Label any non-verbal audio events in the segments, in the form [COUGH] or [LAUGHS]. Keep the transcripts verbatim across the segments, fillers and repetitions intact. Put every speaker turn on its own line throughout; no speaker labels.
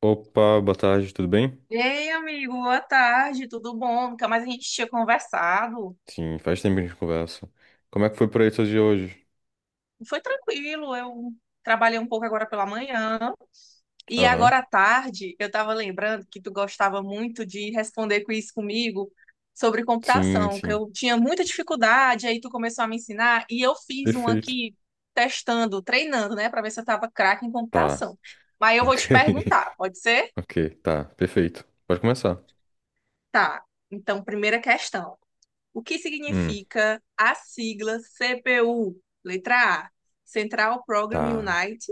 Opa, boa tarde, tudo bem?
Ei, amigo, boa tarde, tudo bom? Nunca mais a gente tinha conversado.
Sim, faz tempo que a gente conversa. Como é que foi por aí seus dia hoje?
Foi tranquilo, eu trabalhei um pouco agora pela manhã. E
Aham.
agora à tarde, eu estava lembrando que tu gostava muito de responder quiz comigo sobre
Sim,
computação, que
sim.
eu tinha muita dificuldade, aí tu começou a me ensinar e eu fiz um
Perfeito.
aqui testando, treinando, né, para ver se eu estava craque em
Tá,
computação. Mas eu vou
ok.
te perguntar,
[LAUGHS]
pode ser?
Ok, tá, perfeito. Pode começar.
Tá. Então, primeira questão. O que
Hum,
significa a sigla C P U? Letra A, Central Program
tá,
Unit.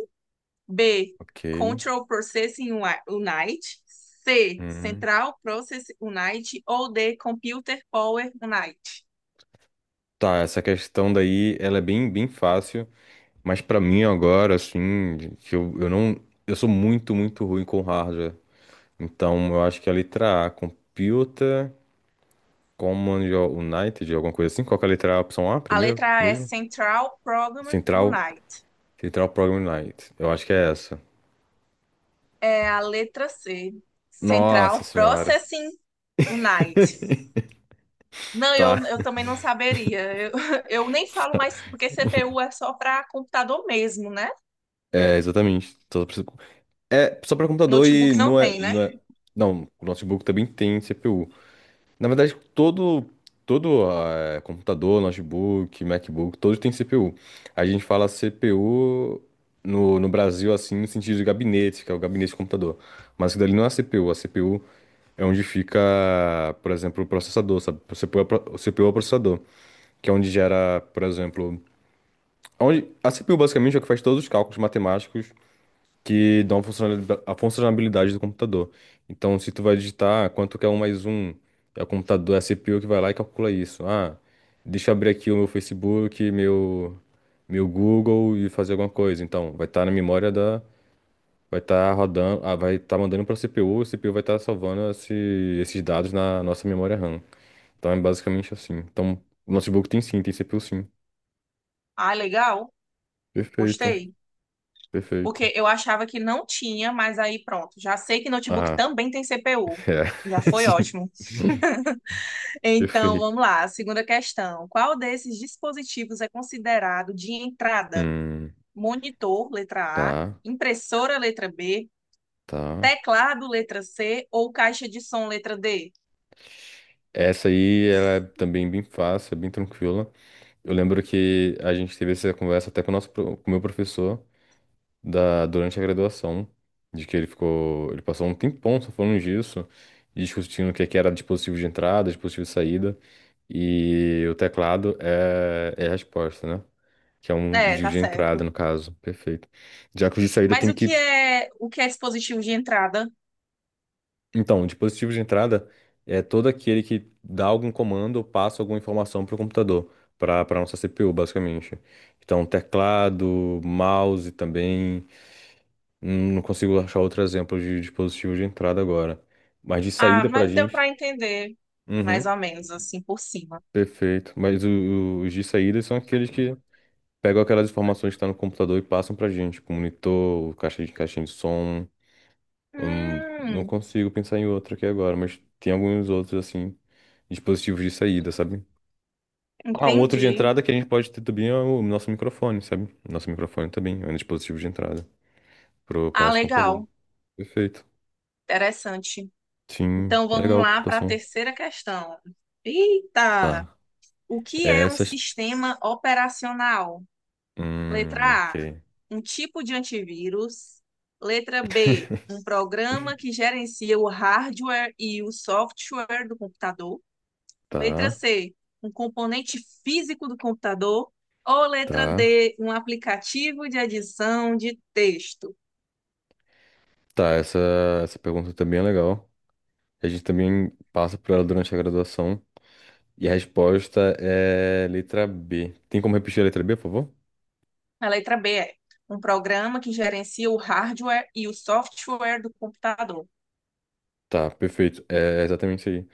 B,
ok.
Control Processing Unit. C,
Hum.
Central Process Unit. Ou D, Computer Power Unit.
Tá, essa questão daí, ela é bem, bem fácil, mas pra mim agora, assim, de- que eu, eu não, eu sou muito, muito ruim com hardware. Então, eu acho que a letra A, Computer Command United, alguma coisa assim, qual que é a letra A, opção A
A
primeiro
letra A é
mesmo?
Central Program
Central,
Unit.
Central Program Night. Eu acho que é essa.
É a letra C,
Nossa
Central
senhora.
Processing Unit. Não,
Tá.
eu, eu também não saberia. Eu, [LAUGHS] eu nem falo mais, porque C P U é só para computador mesmo, né?
É, exatamente. Só pra- É só para computador e
Notebook não
não é,
tem, né?
não é. Não, o notebook também tem C P U. Na verdade, todo, todo eh, computador, notebook, MacBook, todos têm C P U. A gente fala C P U no, no Brasil, assim, no sentido de gabinete, que é o gabinete de computador. Mas isso dali não é C P U. A C P U é onde fica, por exemplo, o processador, sabe? O C P U é o pro- o C P U é o processador, que é onde gera, por exemplo, onde a C P U basicamente é o que faz todos os cálculos matemáticos que dão a funcionalidade, a funcionalidade do computador. Então, se tu vai digitar ah, quanto que é um mais um, é o computador, é a C P U que vai lá e calcula isso. Ah, deixa eu abrir aqui o meu Facebook, meu meu Google e fazer alguma coisa. Então, vai estar na memória da, vai estar rodando, ah, vai estar mandando para a C P U, a C P U vai estar salvando esse- esses dados na nossa memória RAM. Então é basicamente assim. Então, o notebook tem sim, tem C P U sim.
Ah, legal.
Perfeito.
Gostei.
Perfeito.
Porque eu achava que não tinha, mas aí pronto. Já sei que notebook
Ah,
também tem C P U. Já
é. [LAUGHS]
foi
Sim.
ótimo. Então,
Perfeito.
vamos lá. A segunda questão. Qual desses dispositivos é considerado de entrada?
Hum,
Monitor, letra A,
tá,
impressora, letra B,
tá.
teclado, letra C ou caixa de som, letra D?
Essa aí, ela é também bem fácil, é bem tranquila. Eu lembro que a gente teve essa conversa até com o nosso, pro- com o meu professor da, durante a graduação, de que ele ficou, ele passou um tempão só falando disso, e discutindo o que é que era dispositivo de entrada, dispositivo de saída, e o teclado é, é a resposta, né? Que é um
É,
de
tá
de entrada,
certo.
no caso. Perfeito. Já que o de saída
Mas
tem
o que
que.
é, o que é dispositivo de entrada?
Então, o dispositivo de entrada é todo aquele que dá algum comando ou passa alguma informação para o computador, para para nossa C P U, basicamente. Então, teclado, mouse também. Hum, Não consigo achar outro exemplo de dispositivo de entrada agora. Mas de
Ah,
saída para a
mas deu
gente.
para entender mais
Uhum,
ou menos assim por cima.
perfeito. Mas o- o- os de saída são aqueles que pegam aquelas informações que estão no computador e passam para a gente, tipo monitor, caixa de caixinha de som. Hum, não
Hum,
consigo pensar em outro aqui agora, mas tem alguns outros, assim, dispositivos de saída, sabe? Ah, um outro de
entendi.
entrada que a gente pode ter também é o nosso microfone, sabe? Nosso microfone também é um dispositivo de entrada pro, pro
Ah,
nosso computador.
legal.
Perfeito.
Interessante.
Sim,
Então
é
vamos
legal a
lá para a
computação.
terceira questão. Eita!
Tá.
O que é um
Essas.
sistema operacional?
Hum,
Letra A,
ok.
um tipo de antivírus. Letra B, um programa que gerencia o hardware e o software do computador. Letra
Tá,
C, um componente físico do computador. Ou letra
tá.
D, um aplicativo de adição de texto.
Tá, essa, essa pergunta também é legal. A gente também passa por ela durante a graduação. E a resposta é letra B. Tem como repetir a letra B, por favor?
A letra B é um programa que gerencia o hardware e o software do computador.
Tá, perfeito. É exatamente isso aí.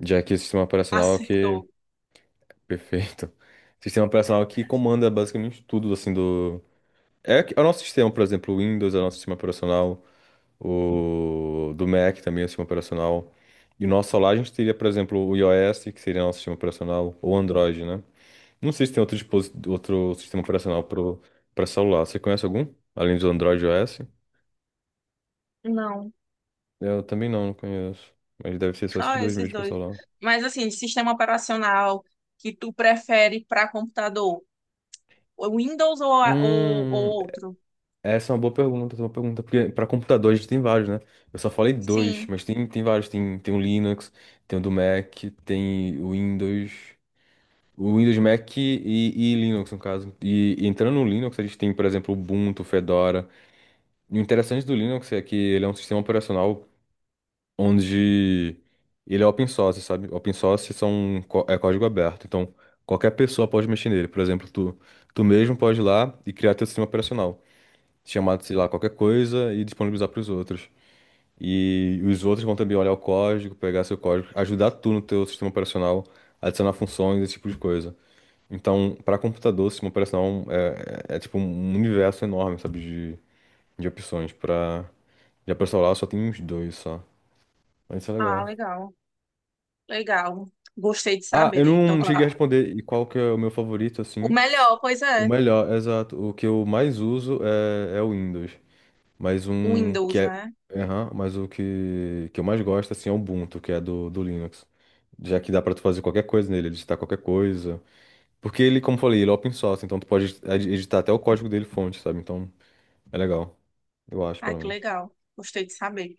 Já que o sistema
[LAUGHS]
operacional é que.
Acertou.
[LAUGHS] Perfeito. Sistema operacional que comanda basicamente tudo, assim, do. É, que- é o nosso sistema, por exemplo, o Windows é o nosso sistema operacional, o do Mac também é o sistema operacional. E o nosso celular a gente teria, por exemplo, o iOS, que seria nosso sistema operacional, ou Android, né? Não sei se tem outro, dispos... outro sistema operacional pro... pra celular. Você conhece algum? Além do Android e iOS?
Não,
Eu também não, não conheço. Mas deve ser só esses
só
dois
esses
mesmo pra
dois.
celular.
Mas assim, de sistema operacional que tu prefere para computador, o Windows ou, a- ou, ou
Hum,
outro?
Essa é uma boa pergunta, essa é uma boa pergunta, porque para computador a gente tem vários, né? Eu só falei dois,
Sim.
mas tem, tem vários, tem, tem o Linux, tem o do Mac, tem o Windows, o Windows Mac e, e Linux, no caso. E, e entrando no Linux, a gente tem, por exemplo, Ubuntu, Fedora. E o interessante do Linux é que ele é um sistema operacional onde ele é open source, sabe? Open source são, có- é código aberto, então qualquer pessoa pode mexer nele. Por exemplo, tu, tu mesmo pode ir lá e criar teu sistema operacional, chamar, sei lá, qualquer coisa e disponibilizar para os outros. E os outros vão também olhar o código, pegar seu código, ajudar tu no teu sistema operacional, adicionar funções, esse tipo de coisa. Então, para computador, o sistema operacional é, é, é tipo um universo enorme, sabe, de, de opções. Para já para celular só tem uns dois só. Mas isso é
Ah,
legal.
legal. Legal. Gostei de
Ah,
saber.
eu
Então,
não
tu-
cheguei a responder e qual que é o meu favorito,
o
assim.
melhor, pois
O
é,
melhor, exato. O que eu mais uso é, é o Windows. Mas
o
um que
Windows,
é.
né?
Aham, mas o que, que eu mais gosto assim, é o Ubuntu, que é do, do Linux. Já que dá pra tu fazer qualquer coisa nele, editar qualquer coisa. Porque ele, como eu falei, ele é open source, então tu pode edi- editar até o código dele fonte, sabe? Então é legal. Eu acho,
Ai,
pelo
que
menos.
legal. Gostei de saber.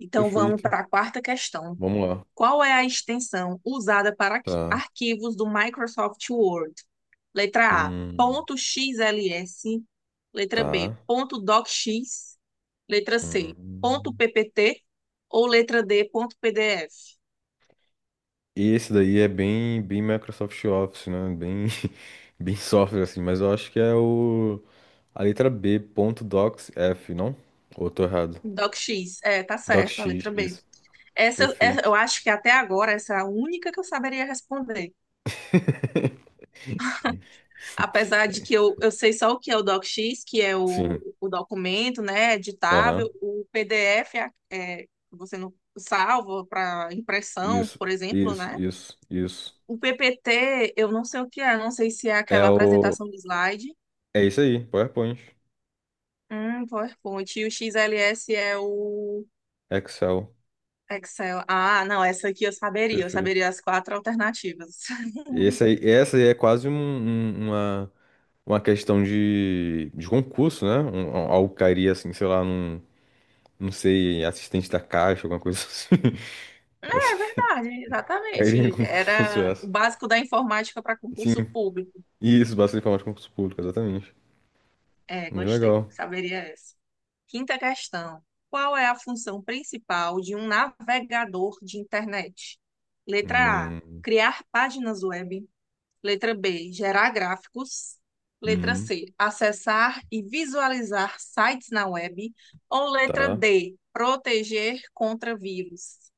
Então, vamos
Perfeito.
para a quarta questão.
Vamos lá.
Qual é a extensão usada para
Tá.
arquivos do Microsoft Word? Letra A,
Hum,
ponto .xls. Letra B,
tá.
ponto .docx. Letra C, ponto
Hum.
.ppt. Ou letra D, ponto .pdf.
E esse daí é bem, bem Microsoft Office, né? Bem, [LAUGHS] bem software, assim, mas eu acho que é o. A letra B ponto Docs F não? Ou eu tô errado?
DocX, é, tá certo, a
DocX,
letra B.
isso.
Essa, é- eu
Perfeito.
acho que até agora essa é a única que eu saberia responder.
[LAUGHS]
Apesar de que eu, eu sei só o que é o DocX, que é o,
Sim.
o documento, né, editável,
Aham.
o P D F é, é, você não salva para impressão,
Isso,
por exemplo,
isso,
né?
isso, isso.
O P P T, eu não sei o que é, não sei se é
É
aquela
o.
apresentação de slide,
É isso aí, PowerPoint.
hum, PowerPoint, e o X L S é o
Excel.
Excel. Ah, não, essa aqui eu saberia, eu
Perfeito.
saberia as quatro alternativas. [LAUGHS]
Esse aí, essa aí é quase um- um- uma, uma questão de, de concurso, né? Um, um- algo cairia assim, sei lá, num, não sei, assistente da caixa, alguma coisa [LAUGHS] assim. Essa,
É verdade,
cairia em
exatamente.
concurso
Era o
essa.
básico da informática para
Sim,
concurso público.
isso, basta informar de concurso público, exatamente.
É,
Muito
gostei.
legal.
Saberia essa. Quinta questão. Qual é a função principal de um navegador de internet? Letra A,
Hum,
criar páginas web. Letra B, gerar gráficos. Letra
hum,
C, acessar e visualizar sites na web. Ou letra
tá.
D, proteger contra vírus.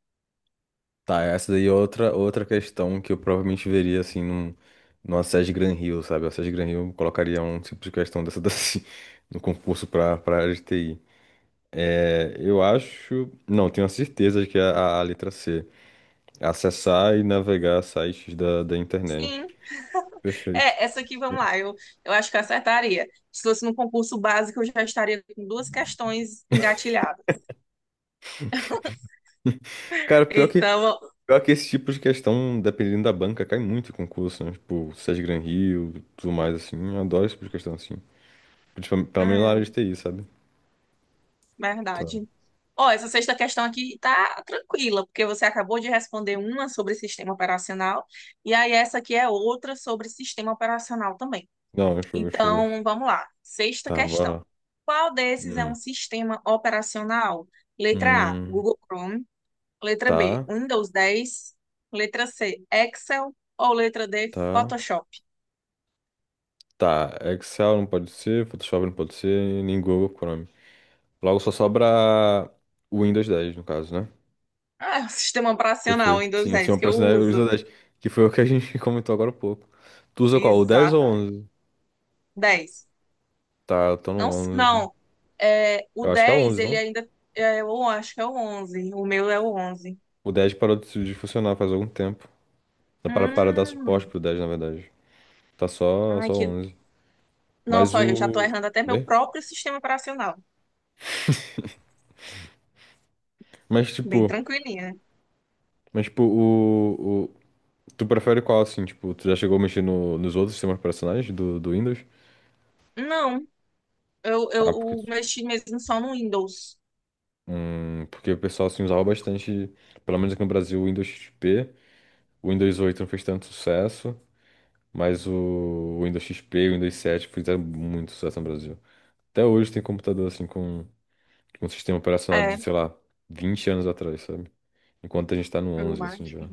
Tá, essa daí é outra, outra questão que eu provavelmente veria, assim, num, numa S E S Gran Rio, sabe? A S E S Gran Rio colocaria um tipo de questão dessa daí [LAUGHS] no concurso para para área de T I. É, eu acho... Não, tenho a certeza de que é a, a letra C. Acessar e navegar sites da, da internet.
Sim,
Perfeito.
é, essa aqui, vamos lá, eu, eu acho que eu acertaria. Se fosse no concurso básico, eu já estaria com duas questões engatilhadas.
Cara, pior que,
Então,
pior que esse tipo de questão, dependendo da banca, cai muito em concurso, né? Tipo, S E S Gran Rio, tudo mais, assim. Eu adoro esse tipo de questão, assim. Principalmente, pelo menos na
ah,
área de T I, sabe?
verdade.
Tá.
Ó, essa sexta questão aqui tá tranquila, porque você acabou de responder uma sobre sistema operacional, e aí essa aqui é outra sobre sistema operacional também.
Não, show, show.
Então, vamos lá. Sexta
Tá,
questão.
bora.
Qual desses é um
Hum,
sistema operacional? Letra A,
hum,
Google Chrome. Letra B,
tá,
Windows dez. Letra C, Excel. Ou letra D,
tá,
Photoshop?
tá. Excel não pode ser, Photoshop não pode ser, nem Google Chrome. Logo só sobra o Windows dez, no caso, né?
Ah, é o [LAUGHS] sistema operacional
Perfeito.
Windows
Sim, sim,
dez
eu
que eu
pressionei o Windows
uso.
dez, que foi o que a gente [LAUGHS] comentou agora há pouco. Tu usa qual, o dez ou o
Exata.
onze?
Dez.
Tá, eu tô no
Não,
onze.
não. É, o
Eu acho que é o
dez
onze,
ele
não?
ainda. É, eu acho que é o onze. O meu é o onze.
O dez parou de de funcionar faz algum tempo. Dá Para, para dar
Hum.
suporte pro dez, na verdade. Tá só,
Ai,
só o
que.
onze. Mas
Nossa, olha, eu já tô
o...
errando até meu
Oi?
próprio sistema operacional.
Mas
Bem
tipo...
tranquilinha.
Mas tipo, o, tu prefere qual, assim, tipo, tu já chegou a mexer no- nos outros sistemas operacionais do, do Windows?
Não, eu,
Ah, porque,
eu mexi mesmo só no Windows.
hum, porque o pessoal, assim, usava bastante, pelo menos aqui no Brasil, o Windows X P. O Windows oito não fez tanto sucesso, mas o Windows X P e o Windows sete fizeram muito sucesso no Brasil. Até hoje tem computador, assim, com, com um sistema operacional de,
É,
sei lá, vinte anos atrás, sabe? Enquanto a gente tá no
eu
onze assim,
acho que.
já.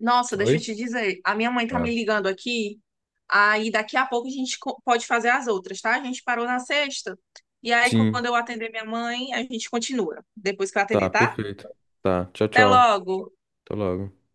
Nossa, deixa eu
Oi?
te dizer. A minha mãe tá
Ah,
me ligando aqui. Aí daqui a pouco a gente co- pode fazer as outras, tá? A gente parou na sexta. E aí,
sim,
quando eu atender minha mãe, a gente continua. Depois que eu
tá,
atender, tá?
perfeito. Tá, tchau,
Até
tchau.
logo.
Até logo.